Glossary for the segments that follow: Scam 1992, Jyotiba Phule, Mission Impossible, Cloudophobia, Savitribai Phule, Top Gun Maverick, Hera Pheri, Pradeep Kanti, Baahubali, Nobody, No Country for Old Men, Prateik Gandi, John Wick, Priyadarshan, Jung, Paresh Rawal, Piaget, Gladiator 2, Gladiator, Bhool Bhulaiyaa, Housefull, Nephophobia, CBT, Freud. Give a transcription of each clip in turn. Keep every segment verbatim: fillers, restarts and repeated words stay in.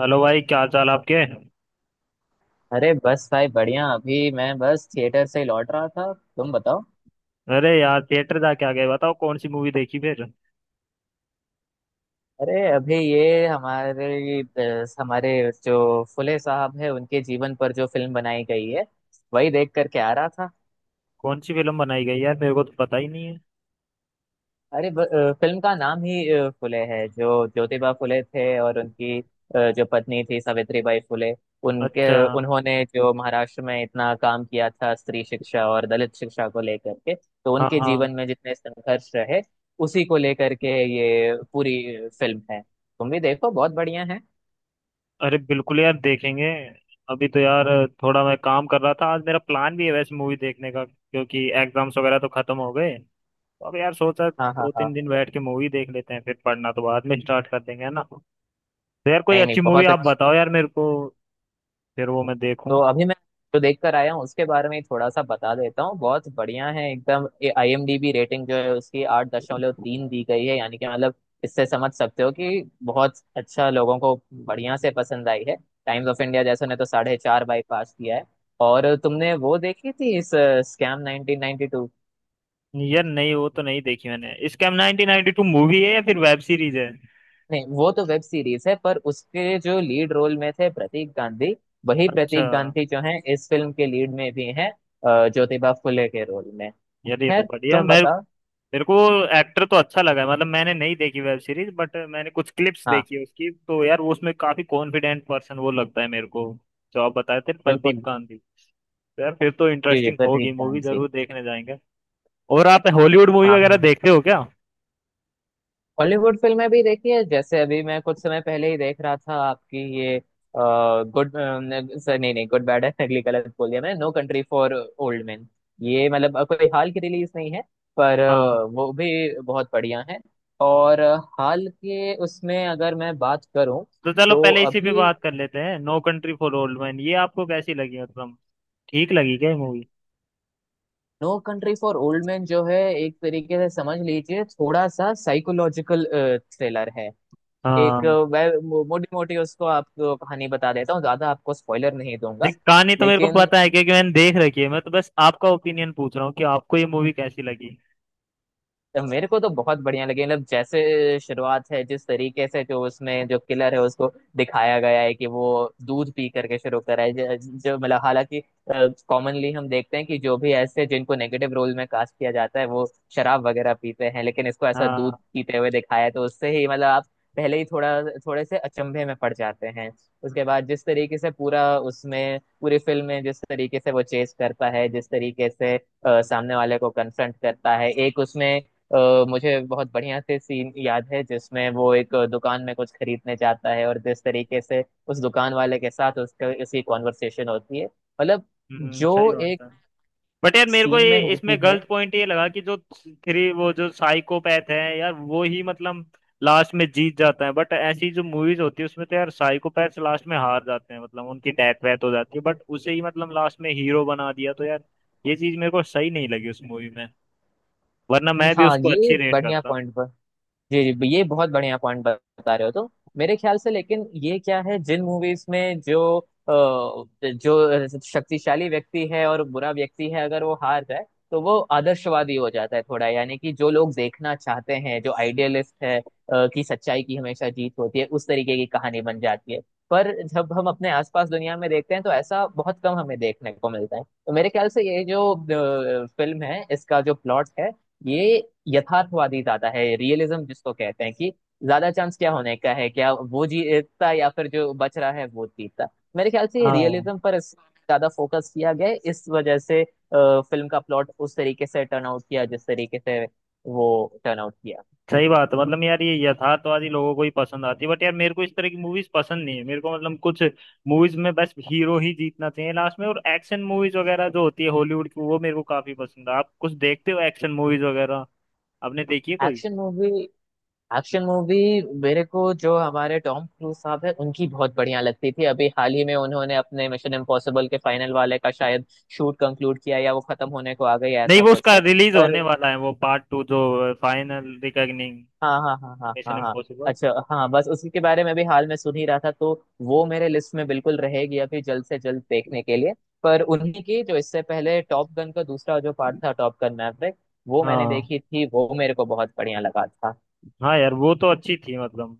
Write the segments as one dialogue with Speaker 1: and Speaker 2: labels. Speaker 1: Hello भाई क्या हाल चाल आपके।
Speaker 2: अरे बस भाई बढ़िया। अभी मैं बस थिएटर से लौट रहा था, तुम बताओ।
Speaker 1: अरे यार थिएटर जाके आ गए बताओ कौन सी मूवी देखी फिर।
Speaker 2: अरे अभी ये हमारे अ, हमारे जो फुले साहब है उनके जीवन पर जो फिल्म बनाई गई है वही देख करके आ रहा था।
Speaker 1: कौन सी फिल्म बनाई गई यार मेरे को तो पता ही नहीं है।
Speaker 2: अरे ब- अ, फिल्म का नाम ही अ, फुले है। जो ज्योतिबा फुले थे और उनकी अ, जो पत्नी थी सावित्रीबाई फुले उनके
Speaker 1: अच्छा।
Speaker 2: उन्होंने जो महाराष्ट्र में इतना काम किया था स्त्री शिक्षा और दलित शिक्षा को लेकर के, तो
Speaker 1: हाँ
Speaker 2: उनके जीवन
Speaker 1: हाँ।
Speaker 2: में जितने संघर्ष रहे उसी को लेकर के ये पूरी फिल्म है। तुम भी देखो, बहुत बढ़िया है।
Speaker 1: अरे बिल्कुल यार देखेंगे। अभी तो यार थोड़ा मैं काम कर रहा था। आज मेरा प्लान भी है वैसे मूवी देखने का क्योंकि एग्जाम्स वगैरह तो खत्म हो गए। तो अब यार सोचा
Speaker 2: हाँ हाँ
Speaker 1: दो
Speaker 2: हाँ।
Speaker 1: तीन दिन बैठ के मूवी देख लेते हैं फिर पढ़ना तो बाद में स्टार्ट कर देंगे है ना। तो यार कोई
Speaker 2: नहीं नहीं,
Speaker 1: अच्छी मूवी
Speaker 2: बहुत।
Speaker 1: आप बताओ यार मेरे को। फिर वो मैं देखूं।
Speaker 2: तो अभी मैं जो देख कर आया हूँ उसके बारे में थोड़ा सा बता देता हूँ। बहुत बढ़िया है एकदम। आईएमडीबी रेटिंग जो है उसकी आठ दशमलव तीन दी गई है, यानी कि मतलब इससे समझ सकते हो कि बहुत अच्छा लोगों को बढ़िया से पसंद आई है। टाइम्स ऑफ इंडिया जैसे ने तो साढ़े चार बाई पास किया है। और तुमने वो देखी थी इस स्कैम नाइनटीन नाइनटी टू?
Speaker 1: यार नहीं वो तो नहीं देखी मैंने। Scam nineteen ninety two movie है या फिर वेब सीरीज है।
Speaker 2: नहीं, वो तो वेब सीरीज है, पर उसके जो लीड रोल में थे प्रतीक गांधी, वही
Speaker 1: अच्छा।
Speaker 2: प्रतीक गांधी जो है इस फिल्म के लीड में भी हैं अ, ज्योतिबा फुले के रोल में।
Speaker 1: यार ये तो
Speaker 2: खैर,
Speaker 1: बढ़िया।
Speaker 2: तुम
Speaker 1: मैं
Speaker 2: बताओ।
Speaker 1: मेरे को एक्टर तो अच्छा लगा है मतलब मैंने नहीं देखी वेब सीरीज बट मैंने कुछ क्लिप्स
Speaker 2: हाँ,
Speaker 1: देखी है उसकी तो यार वो उसमें काफी कॉन्फिडेंट पर्सन वो लगता है मेरे को जो आप बताए थे प्रदीप
Speaker 2: बिल्कुल।
Speaker 1: कांति। तो यार फिर तो
Speaker 2: जी जी,
Speaker 1: इंटरेस्टिंग
Speaker 2: प्रतीक
Speaker 1: होगी मूवी
Speaker 2: कांत।
Speaker 1: जरूर देखने जाएंगे। और आप हॉलीवुड मूवी
Speaker 2: हाँ
Speaker 1: वगैरह
Speaker 2: हाँ,
Speaker 1: देखते हो क्या।
Speaker 2: हॉलीवुड फिल्में भी देखी है। जैसे अभी मैं कुछ समय पहले ही देख रहा था आपकी ये गुड सर, नहीं नहीं, गुड बैड है अगली गलत बोल दिया मैंने, No Country for Old Man. ये मतलब अ, कोई हाल की रिलीज नहीं है, पर अ,
Speaker 1: हाँ।
Speaker 2: वो भी बहुत बढ़िया है। और अ, हाल के उसमें अगर मैं बात करूं
Speaker 1: तो चलो
Speaker 2: तो
Speaker 1: पहले इसी पे
Speaker 2: अभी
Speaker 1: बात कर लेते हैं No Country for Old Man ये आपको कैसी लगी मतलब ठीक लगी क्या movie.
Speaker 2: No Country for Old Man जो है, एक तरीके से समझ लीजिए थोड़ा सा साइकोलॉजिकल थ्रिलर है। एक
Speaker 1: हाँ।
Speaker 2: मैं मोटी मोटी उसको आपको कहानी बता देता हूँ, ज्यादा आपको स्पॉइलर नहीं दूंगा।
Speaker 1: देख कहानी तो मेरे को
Speaker 2: लेकिन
Speaker 1: पता है क्योंकि मैंने देख रखी है मैं तो बस आपका ओपिनियन पूछ रहा हूँ कि आपको ये मूवी कैसी लगी।
Speaker 2: तो मेरे को तो बहुत बढ़िया लगी। मतलब जैसे शुरुआत है जिस तरीके से, जो उसमें जो किलर है उसको दिखाया गया है कि वो दूध पी करके शुरू करा है। ज- जो मतलब, हालांकि कॉमनली हम देखते हैं कि जो भी ऐसे जिनको नेगेटिव रोल में कास्ट किया जाता है वो शराब वगैरह पीते हैं, लेकिन इसको ऐसा दूध
Speaker 1: हाँ।
Speaker 2: पीते हुए दिखाया है, तो उससे ही मतलब आप पहले ही थोड़ा थोड़े से अचंभे में पड़ जाते हैं। उसके बाद जिस तरीके से पूरा उसमें पूरी फिल्म में जिस तरीके से वो चेस करता है, जिस तरीके से अ, सामने वाले को कन्फ्रंट करता है, एक उसमें अ, मुझे बहुत बढ़िया से सीन याद है जिसमें वो एक दुकान में कुछ खरीदने जाता है और जिस तरीके से उस दुकान वाले के साथ उसका उसकी कॉन्वर्सेशन होती है। मतलब
Speaker 1: हम्म,
Speaker 2: जो
Speaker 1: सही
Speaker 2: एक
Speaker 1: बात है। बट यार मेरे को
Speaker 2: सीन में
Speaker 1: ये
Speaker 2: होती
Speaker 1: इसमें
Speaker 2: है।
Speaker 1: गलत पॉइंट ये लगा कि जो थ्री वो जो साइकोपैथ है यार वो ही मतलब लास्ट में जीत जाता है बट ऐसी जो मूवीज होती है उसमें तो यार साइकोपैथ लास्ट में हार जाते हैं मतलब उनकी डेथ वेथ हो जाती है बट उसे ही मतलब लास्ट में हीरो बना दिया तो यार ये चीज मेरे को सही नहीं लगी उस मूवी में वरना मैं भी
Speaker 2: हाँ,
Speaker 1: उसको
Speaker 2: ये
Speaker 1: अच्छी रेट
Speaker 2: बढ़िया
Speaker 1: करता।
Speaker 2: पॉइंट। जी जी, ये बहुत बढ़िया पॉइंट बता रहे हो तुम। मेरे ख्याल से लेकिन ये क्या है, जिन मूवीज में जो अ, जो शक्तिशाली व्यक्ति है और बुरा व्यक्ति है अगर वो हार जाए तो वो आदर्शवादी हो जाता है थोड़ा, यानी कि जो लोग देखना चाहते हैं जो आइडियलिस्ट है अ, कि सच्चाई की हमेशा जीत होती है, उस तरीके की कहानी बन जाती है। पर जब हम अपने आसपास दुनिया में देखते हैं तो ऐसा बहुत कम हमें देखने को मिलता है। तो मेरे ख्याल से ये जो फिल्म है इसका जो प्लॉट है ये यथार्थवादी ज्यादा है, रियलिज्म जिसको कहते हैं कि ज्यादा चांस क्या होने का है, क्या वो जीतता या फिर जो बच रहा है वो जीतता। मेरे ख्याल से
Speaker 1: हाँ
Speaker 2: रियलिज्म पर इस- ज्यादा फोकस किया गया है। इस वजह से फिल्म का प्लॉट उस तरीके से टर्न आउट किया जिस तरीके से वो टर्न आउट किया।
Speaker 1: सही बात है मतलब यार ये यथार्थवादी लोगों को ही पसंद आती है बट यार मेरे को इस तरह की मूवीज पसंद नहीं है मेरे को मतलब कुछ मूवीज में बस हीरो ही जीतना चाहिए लास्ट में और एक्शन मूवीज वगैरह जो होती है हॉलीवुड की वो मेरे को काफी पसंद है। आप कुछ देखते हो एक्शन मूवीज वगैरह आपने देखी है कोई।
Speaker 2: एक्शन मूवी, एक्शन मूवी, मेरे को जो हमारे टॉम क्रूज साहब है उनकी बहुत बढ़िया लगती थी। अभी हाल ही में उन्होंने अपने मिशन इम्पॉसिबल के फाइनल वाले का शायद शूट कंक्लूड किया या वो खत्म होने को आ गई
Speaker 1: नहीं
Speaker 2: ऐसा
Speaker 1: वो
Speaker 2: कुछ
Speaker 1: उसका
Speaker 2: है।
Speaker 1: रिलीज
Speaker 2: पर
Speaker 1: होने वाला है वो पार्ट टू जो फाइनल रिकॉग्निंग
Speaker 2: हाँ हाँ हाँ हाँ
Speaker 1: मिशन
Speaker 2: हाँ हाँ।
Speaker 1: इम्पॉसिबल।
Speaker 2: अच्छा, हाँ बस उसी के बारे में भी हाल में सुन ही रहा था, तो वो मेरे लिस्ट में बिल्कुल रहेगी, अभी जल्द से जल्द देखने के लिए। पर उन्हीं की जो इससे पहले टॉप गन का दूसरा जो पार्ट था, टॉप गन मैवरिक, वो मैंने
Speaker 1: हाँ।
Speaker 2: देखी थी, वो मेरे को बहुत बढ़िया लगा था।
Speaker 1: हाँ यार वो तो अच्छी थी मतलब।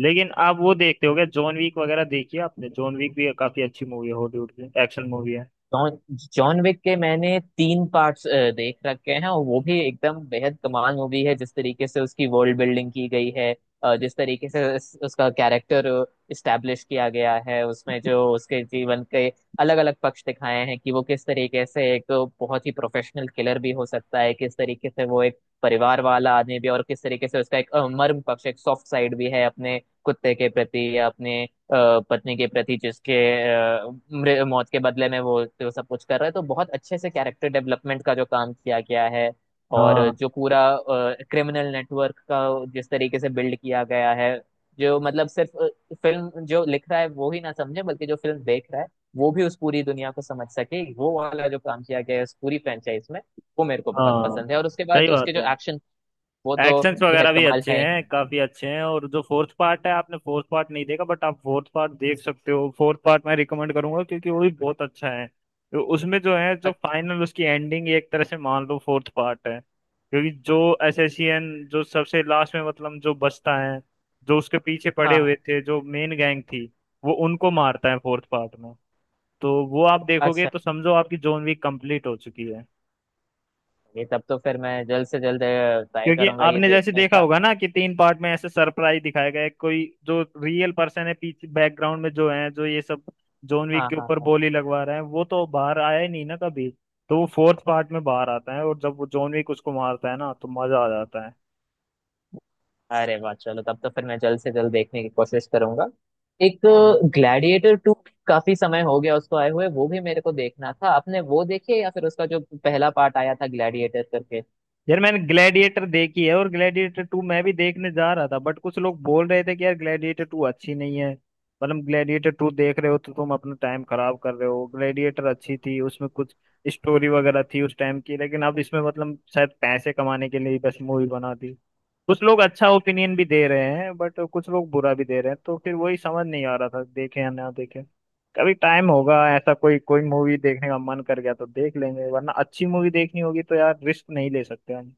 Speaker 1: लेकिन आप वो देखते हो क्या जॉन वीक वगैरह देखी है आपने। जॉन वीक भी काफी अच्छी मूवी है हॉलीवुड की एक्शन मूवी है।
Speaker 2: जॉन, जॉन विक के मैंने तीन पार्ट्स देख रखे हैं और वो भी एकदम बेहद कमाल मूवी है। जिस तरीके से उसकी वर्ल्ड बिल्डिंग की गई है, अ, जिस तरीके से उस- उसका कैरेक्टर इस्टेब्लिश किया गया है, उसमें जो उसके जीवन के अलग अलग पक्ष दिखाए हैं कि वो किस तरीके से एक बहुत ही प्रोफेशनल किलर भी हो सकता है, किस तरीके से वो एक परिवार वाला आदमी भी, और किस तरीके से उसका एक अ, मर्म पक्ष एक सॉफ्ट साइड भी है अपने कुत्ते के प्रति या अपने अ, पत्नी के प्रति, जिसके अ, मृ- मौत के बदले में वो वो सब कुछ कर रहा है। तो बहुत अच्छे से कैरेक्टर डेवलपमेंट का जो काम किया गया है, और
Speaker 1: हाँ।
Speaker 2: जो पूरा क्रिमिनल नेटवर्क का जिस तरीके से बिल्ड किया गया है, जो मतलब सिर्फ फिल्म जो लिख रहा है वो ही ना समझे, बल्कि जो फिल्म देख रहा है वो भी उस पूरी दुनिया को समझ सके, वो वाला जो काम किया गया है उस पूरी फ्रेंचाइज में, वो मेरे को बहुत
Speaker 1: हाँ
Speaker 2: पसंद है। और उसके
Speaker 1: सही
Speaker 2: बाद
Speaker 1: बात
Speaker 2: उसके जो
Speaker 1: है।
Speaker 2: एक्शन, वो तो
Speaker 1: एक्शंस
Speaker 2: बेहद
Speaker 1: वगैरह भी
Speaker 2: कमाल
Speaker 1: अच्छे
Speaker 2: है ही।
Speaker 1: हैं काफी अच्छे हैं। और जो फोर्थ पार्ट है आपने फोर्थ पार्ट नहीं देखा बट आप फोर्थ पार्ट देख सकते हो। फोर्थ पार्ट मैं रिकमेंड करूंगा क्योंकि वो भी बहुत अच्छा है। तो उसमें जो है जो
Speaker 2: अ-
Speaker 1: फाइनल उसकी एंडिंग एक तरह से मान लो फोर्थ पार्ट है क्योंकि जो एसएससीएन जो सबसे लास्ट में मतलब जो बचता है जो उसके पीछे पड़े हुए
Speaker 2: हाँ,
Speaker 1: थे जो मेन गैंग थी वो उनको मारता है फोर्थ पार्ट में। तो वो आप देखोगे
Speaker 2: अच्छा,
Speaker 1: तो समझो आपकी जॉन वीक कंप्लीट हो चुकी है।
Speaker 2: ये तब तो फिर मैं जल्द से जल्द ट्राई
Speaker 1: क्योंकि
Speaker 2: करूंगा ये
Speaker 1: आपने जैसे
Speaker 2: देखने
Speaker 1: देखा
Speaker 2: का।
Speaker 1: होगा ना कि तीन पार्ट में ऐसे सरप्राइज दिखाया गया है कोई जो रियल पर्सन है पीछे बैकग्राउंड में जो है जो ये सब जॉन विक
Speaker 2: हाँ
Speaker 1: के
Speaker 2: हाँ
Speaker 1: ऊपर
Speaker 2: हाँ।
Speaker 1: गोली लगवा रहे हैं वो तो बाहर आया ही नहीं ना कभी। तो वो फोर्थ पार्ट में बाहर आता है और जब वो जॉन विक उसको मारता है ना तो मजा आ जाता है।
Speaker 2: अरे वाह, चलो तब तो फिर मैं जल्द से जल्द देखने की कोशिश करूंगा। एक
Speaker 1: हाँ।
Speaker 2: ग्लैडिएटर टू, काफी समय हो गया उसको आए हुए, वो भी मेरे को देखना था। आपने वो देखी है या फिर उसका जो पहला पार्ट आया था ग्लैडिएटर करके?
Speaker 1: यार मैंने ग्लैडिएटर देखी है और ग्लैडिएटर टू मैं भी देखने जा रहा था बट कुछ लोग बोल रहे थे कि यार ग्लैडिएटर टू अच्छी नहीं है मतलब ग्लैडिएटर टू देख रहे हो तो तुम अपना टाइम खराब कर रहे हो। ग्लैडिएटर अच्छी थी उसमें कुछ स्टोरी वगैरह थी उस टाइम की लेकिन अब इसमें मतलब शायद पैसे कमाने के लिए ही बस मूवी बना दी। कुछ लोग अच्छा ओपिनियन भी दे रहे हैं बट कुछ लोग बुरा भी दे रहे हैं तो फिर वही समझ नहीं आ रहा था देखे या ना देखे। कभी टाइम होगा ऐसा कोई कोई मूवी देखने का मन कर गया तो देख लेंगे वरना अच्छी मूवी देखनी होगी तो यार रिस्क नहीं ले सकते हम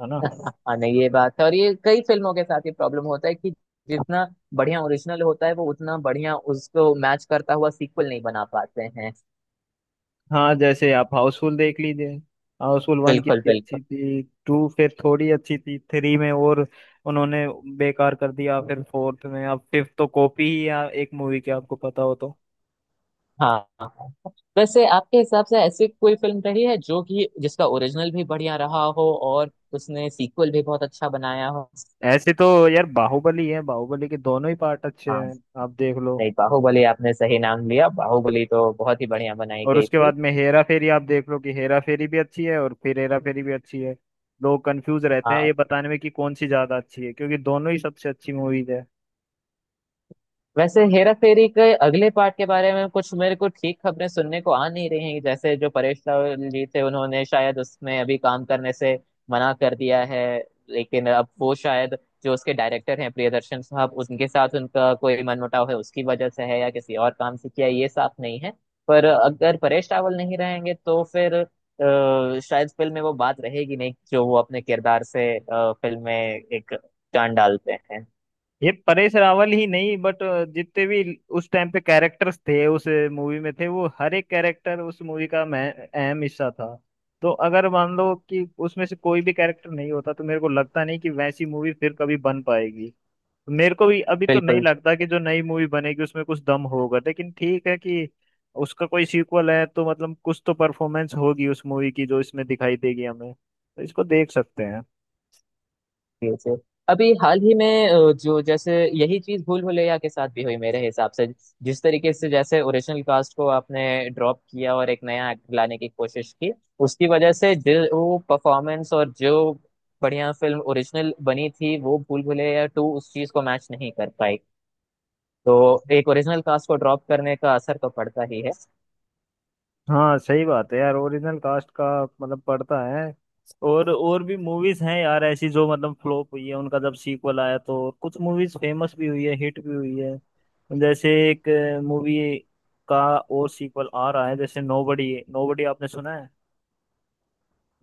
Speaker 1: है ना।
Speaker 2: हाँ नहीं, ये बात है, और ये कई फिल्मों के साथ ये प्रॉब्लम होता है कि जितना बढ़िया ओरिजिनल होता है वो उतना बढ़िया उसको मैच करता हुआ सीक्वल नहीं बना पाते हैं।
Speaker 1: हाँ जैसे आप हाउसफुल देख लीजिए। हाउसफुल वन
Speaker 2: बिल्कुल
Speaker 1: कितनी अच्छी
Speaker 2: बिल्कुल।
Speaker 1: थी टू फिर थोड़ी अच्छी थी थ्री में और उन्होंने बेकार कर दिया फिर फोर्थ में। अब फिफ्थ तो कॉपी ही है एक मूवी की आपको पता हो तो।
Speaker 2: हाँ हाँ। वैसे आपके हिसाब से ऐसी कोई फिल्म रही है जो कि जिसका ओरिजिनल भी बढ़िया रहा हो और उसने सीक्वल भी बहुत अच्छा बनाया हो?
Speaker 1: ऐसे तो यार बाहुबली है बाहुबली के दोनों ही पार्ट अच्छे
Speaker 2: हाँ
Speaker 1: हैं आप देख लो।
Speaker 2: नहीं, बाहुबली आपने सही नाम लिया, बाहुबली तो बहुत ही बढ़िया बनाई
Speaker 1: और
Speaker 2: गई
Speaker 1: उसके
Speaker 2: थी।
Speaker 1: बाद में हेरा फेरी आप देख लो कि हेरा फेरी भी अच्छी है और फिर हेरा फेरी भी अच्छी है। लोग कंफ्यूज रहते हैं
Speaker 2: हाँ,
Speaker 1: ये बताने में कि कौन सी ज्यादा अच्छी है क्योंकि दोनों ही सबसे अच्छी मूवीज है।
Speaker 2: वैसे हेरा फेरी के अगले पार्ट के बारे में कुछ मेरे को ठीक खबरें सुनने को आ नहीं रही हैं। जैसे जो परेश रावल जी थे उन्होंने शायद उसमें अभी काम करने से मना कर दिया है। लेकिन अब वो शायद जो उसके डायरेक्टर हैं प्रियदर्शन साहब उनके साथ उनका कोई मनमुटाव है उसकी वजह से है या किसी और काम से किया है, ये साफ नहीं है। पर अगर परेश रावल नहीं रहेंगे तो फिर अ, शायद फिल्म में वो बात रहेगी नहीं जो वो अपने किरदार से अ, फिल्म में एक जान डालते हैं।
Speaker 1: ये परेश रावल ही नहीं बट जितने भी उस टाइम पे कैरेक्टर्स थे उस मूवी में थे वो हर एक कैरेक्टर उस मूवी का मैं अहम हिस्सा था। तो अगर मान लो कि उसमें से कोई भी कैरेक्टर नहीं होता तो मेरे को लगता नहीं कि वैसी मूवी फिर कभी बन पाएगी। मेरे को भी अभी तो नहीं
Speaker 2: बिल्कुल
Speaker 1: लगता कि जो नई मूवी बनेगी उसमें कुछ दम होगा लेकिन ठीक है कि उसका कोई सीक्वल है तो मतलब कुछ तो परफॉर्मेंस होगी उस मूवी की जो इसमें दिखाई देगी हमें तो इसको देख सकते हैं।
Speaker 2: से। अभी हाल ही में अ, जो जैसे यही चीज भूल भुलैया के साथ भी हुई मेरे हिसाब से। जिस तरीके से जैसे ओरिजिनल कास्ट को आपने ड्रॉप किया और एक नया एक्टर लाने की कोशिश की, उसकी वजह से जो वो परफॉर्मेंस और जो बढ़िया फिल्म ओरिजिनल बनी थी वो भूल भुलैया टू उस चीज को मैच नहीं कर पाई। तो एक ओरिजिनल कास्ट को ड्रॉप करने का असर तो पड़ता ही है।
Speaker 1: हाँ सही बात है यार ओरिजिनल कास्ट का मतलब पड़ता है। और और भी मूवीज हैं यार ऐसी जो मतलब फ्लॉप हुई है उनका जब सीक्वल आया तो कुछ मूवीज फेमस भी हुई है हिट भी हुई है। जैसे एक मूवी का और सीक्वल आ रहा है जैसे नोबडी। नोबडी आपने सुना है।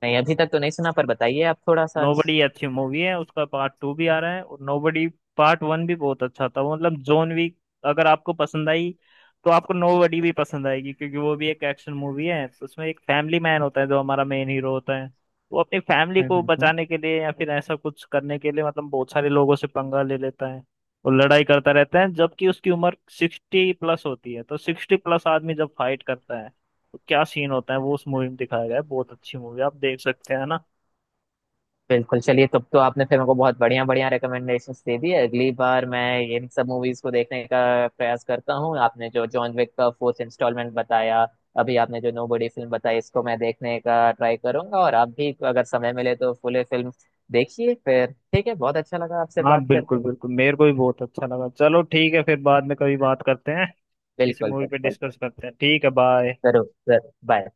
Speaker 2: नहीं अभी तक तो नहीं सुना, पर बताइए आप थोड़ा सा अंश।
Speaker 1: नोबडी अच्छी मूवी है उसका पार्ट टू भी आ रहा है। और नोबडी पार्ट वन भी बहुत अच्छा था मतलब जॉन विक अगर आपको पसंद आई तो आपको नोबडी भी पसंद आएगी क्योंकि वो भी एक एक्शन मूवी है। तो उसमें एक फैमिली मैन होता है जो हमारा मेन हीरो होता है वो अपनी फैमिली को
Speaker 2: हम्म हम्म।
Speaker 1: बचाने के लिए या फिर ऐसा कुछ करने के लिए मतलब बहुत सारे लोगों से पंगा ले लेता है और लड़ाई करता रहता है जबकि उसकी उम्र सिक्सटी प्लस होती है। तो सिक्सटी प्लस आदमी जब फाइट करता है तो क्या सीन होता है वो उस मूवी में दिखाया गया है। बहुत अच्छी मूवी आप देख सकते हैं ना।
Speaker 2: बिल्कुल, चलिए तब तो आपने फिर मेरे को बहुत बढ़िया बढ़िया रिकमेंडेशंस दे दी है। अगली बार मैं इन सब मूवीज को देखने का प्रयास करता हूँ। आपने जो जॉन विक का फोर्थ इंस्टॉलमेंट बताया, अभी आपने जो नोबडी फिल्म बताई, इसको मैं देखने का ट्राई करूंगा। और आप भी अगर समय मिले तो फुल फिल्म देखिए फिर। ठीक है, बहुत अच्छा लगा आपसे
Speaker 1: हाँ
Speaker 2: बात
Speaker 1: बिल्कुल
Speaker 2: करके।
Speaker 1: बिल्कुल मेरे को भी बहुत अच्छा लगा। चलो ठीक है फिर बाद में कभी बात करते हैं किसी
Speaker 2: बिल्कुल
Speaker 1: मूवी पे
Speaker 2: बिल्कुल।
Speaker 1: डिस्कस करते हैं ठीक है। बाय।
Speaker 2: जरूर जरूर, बाय।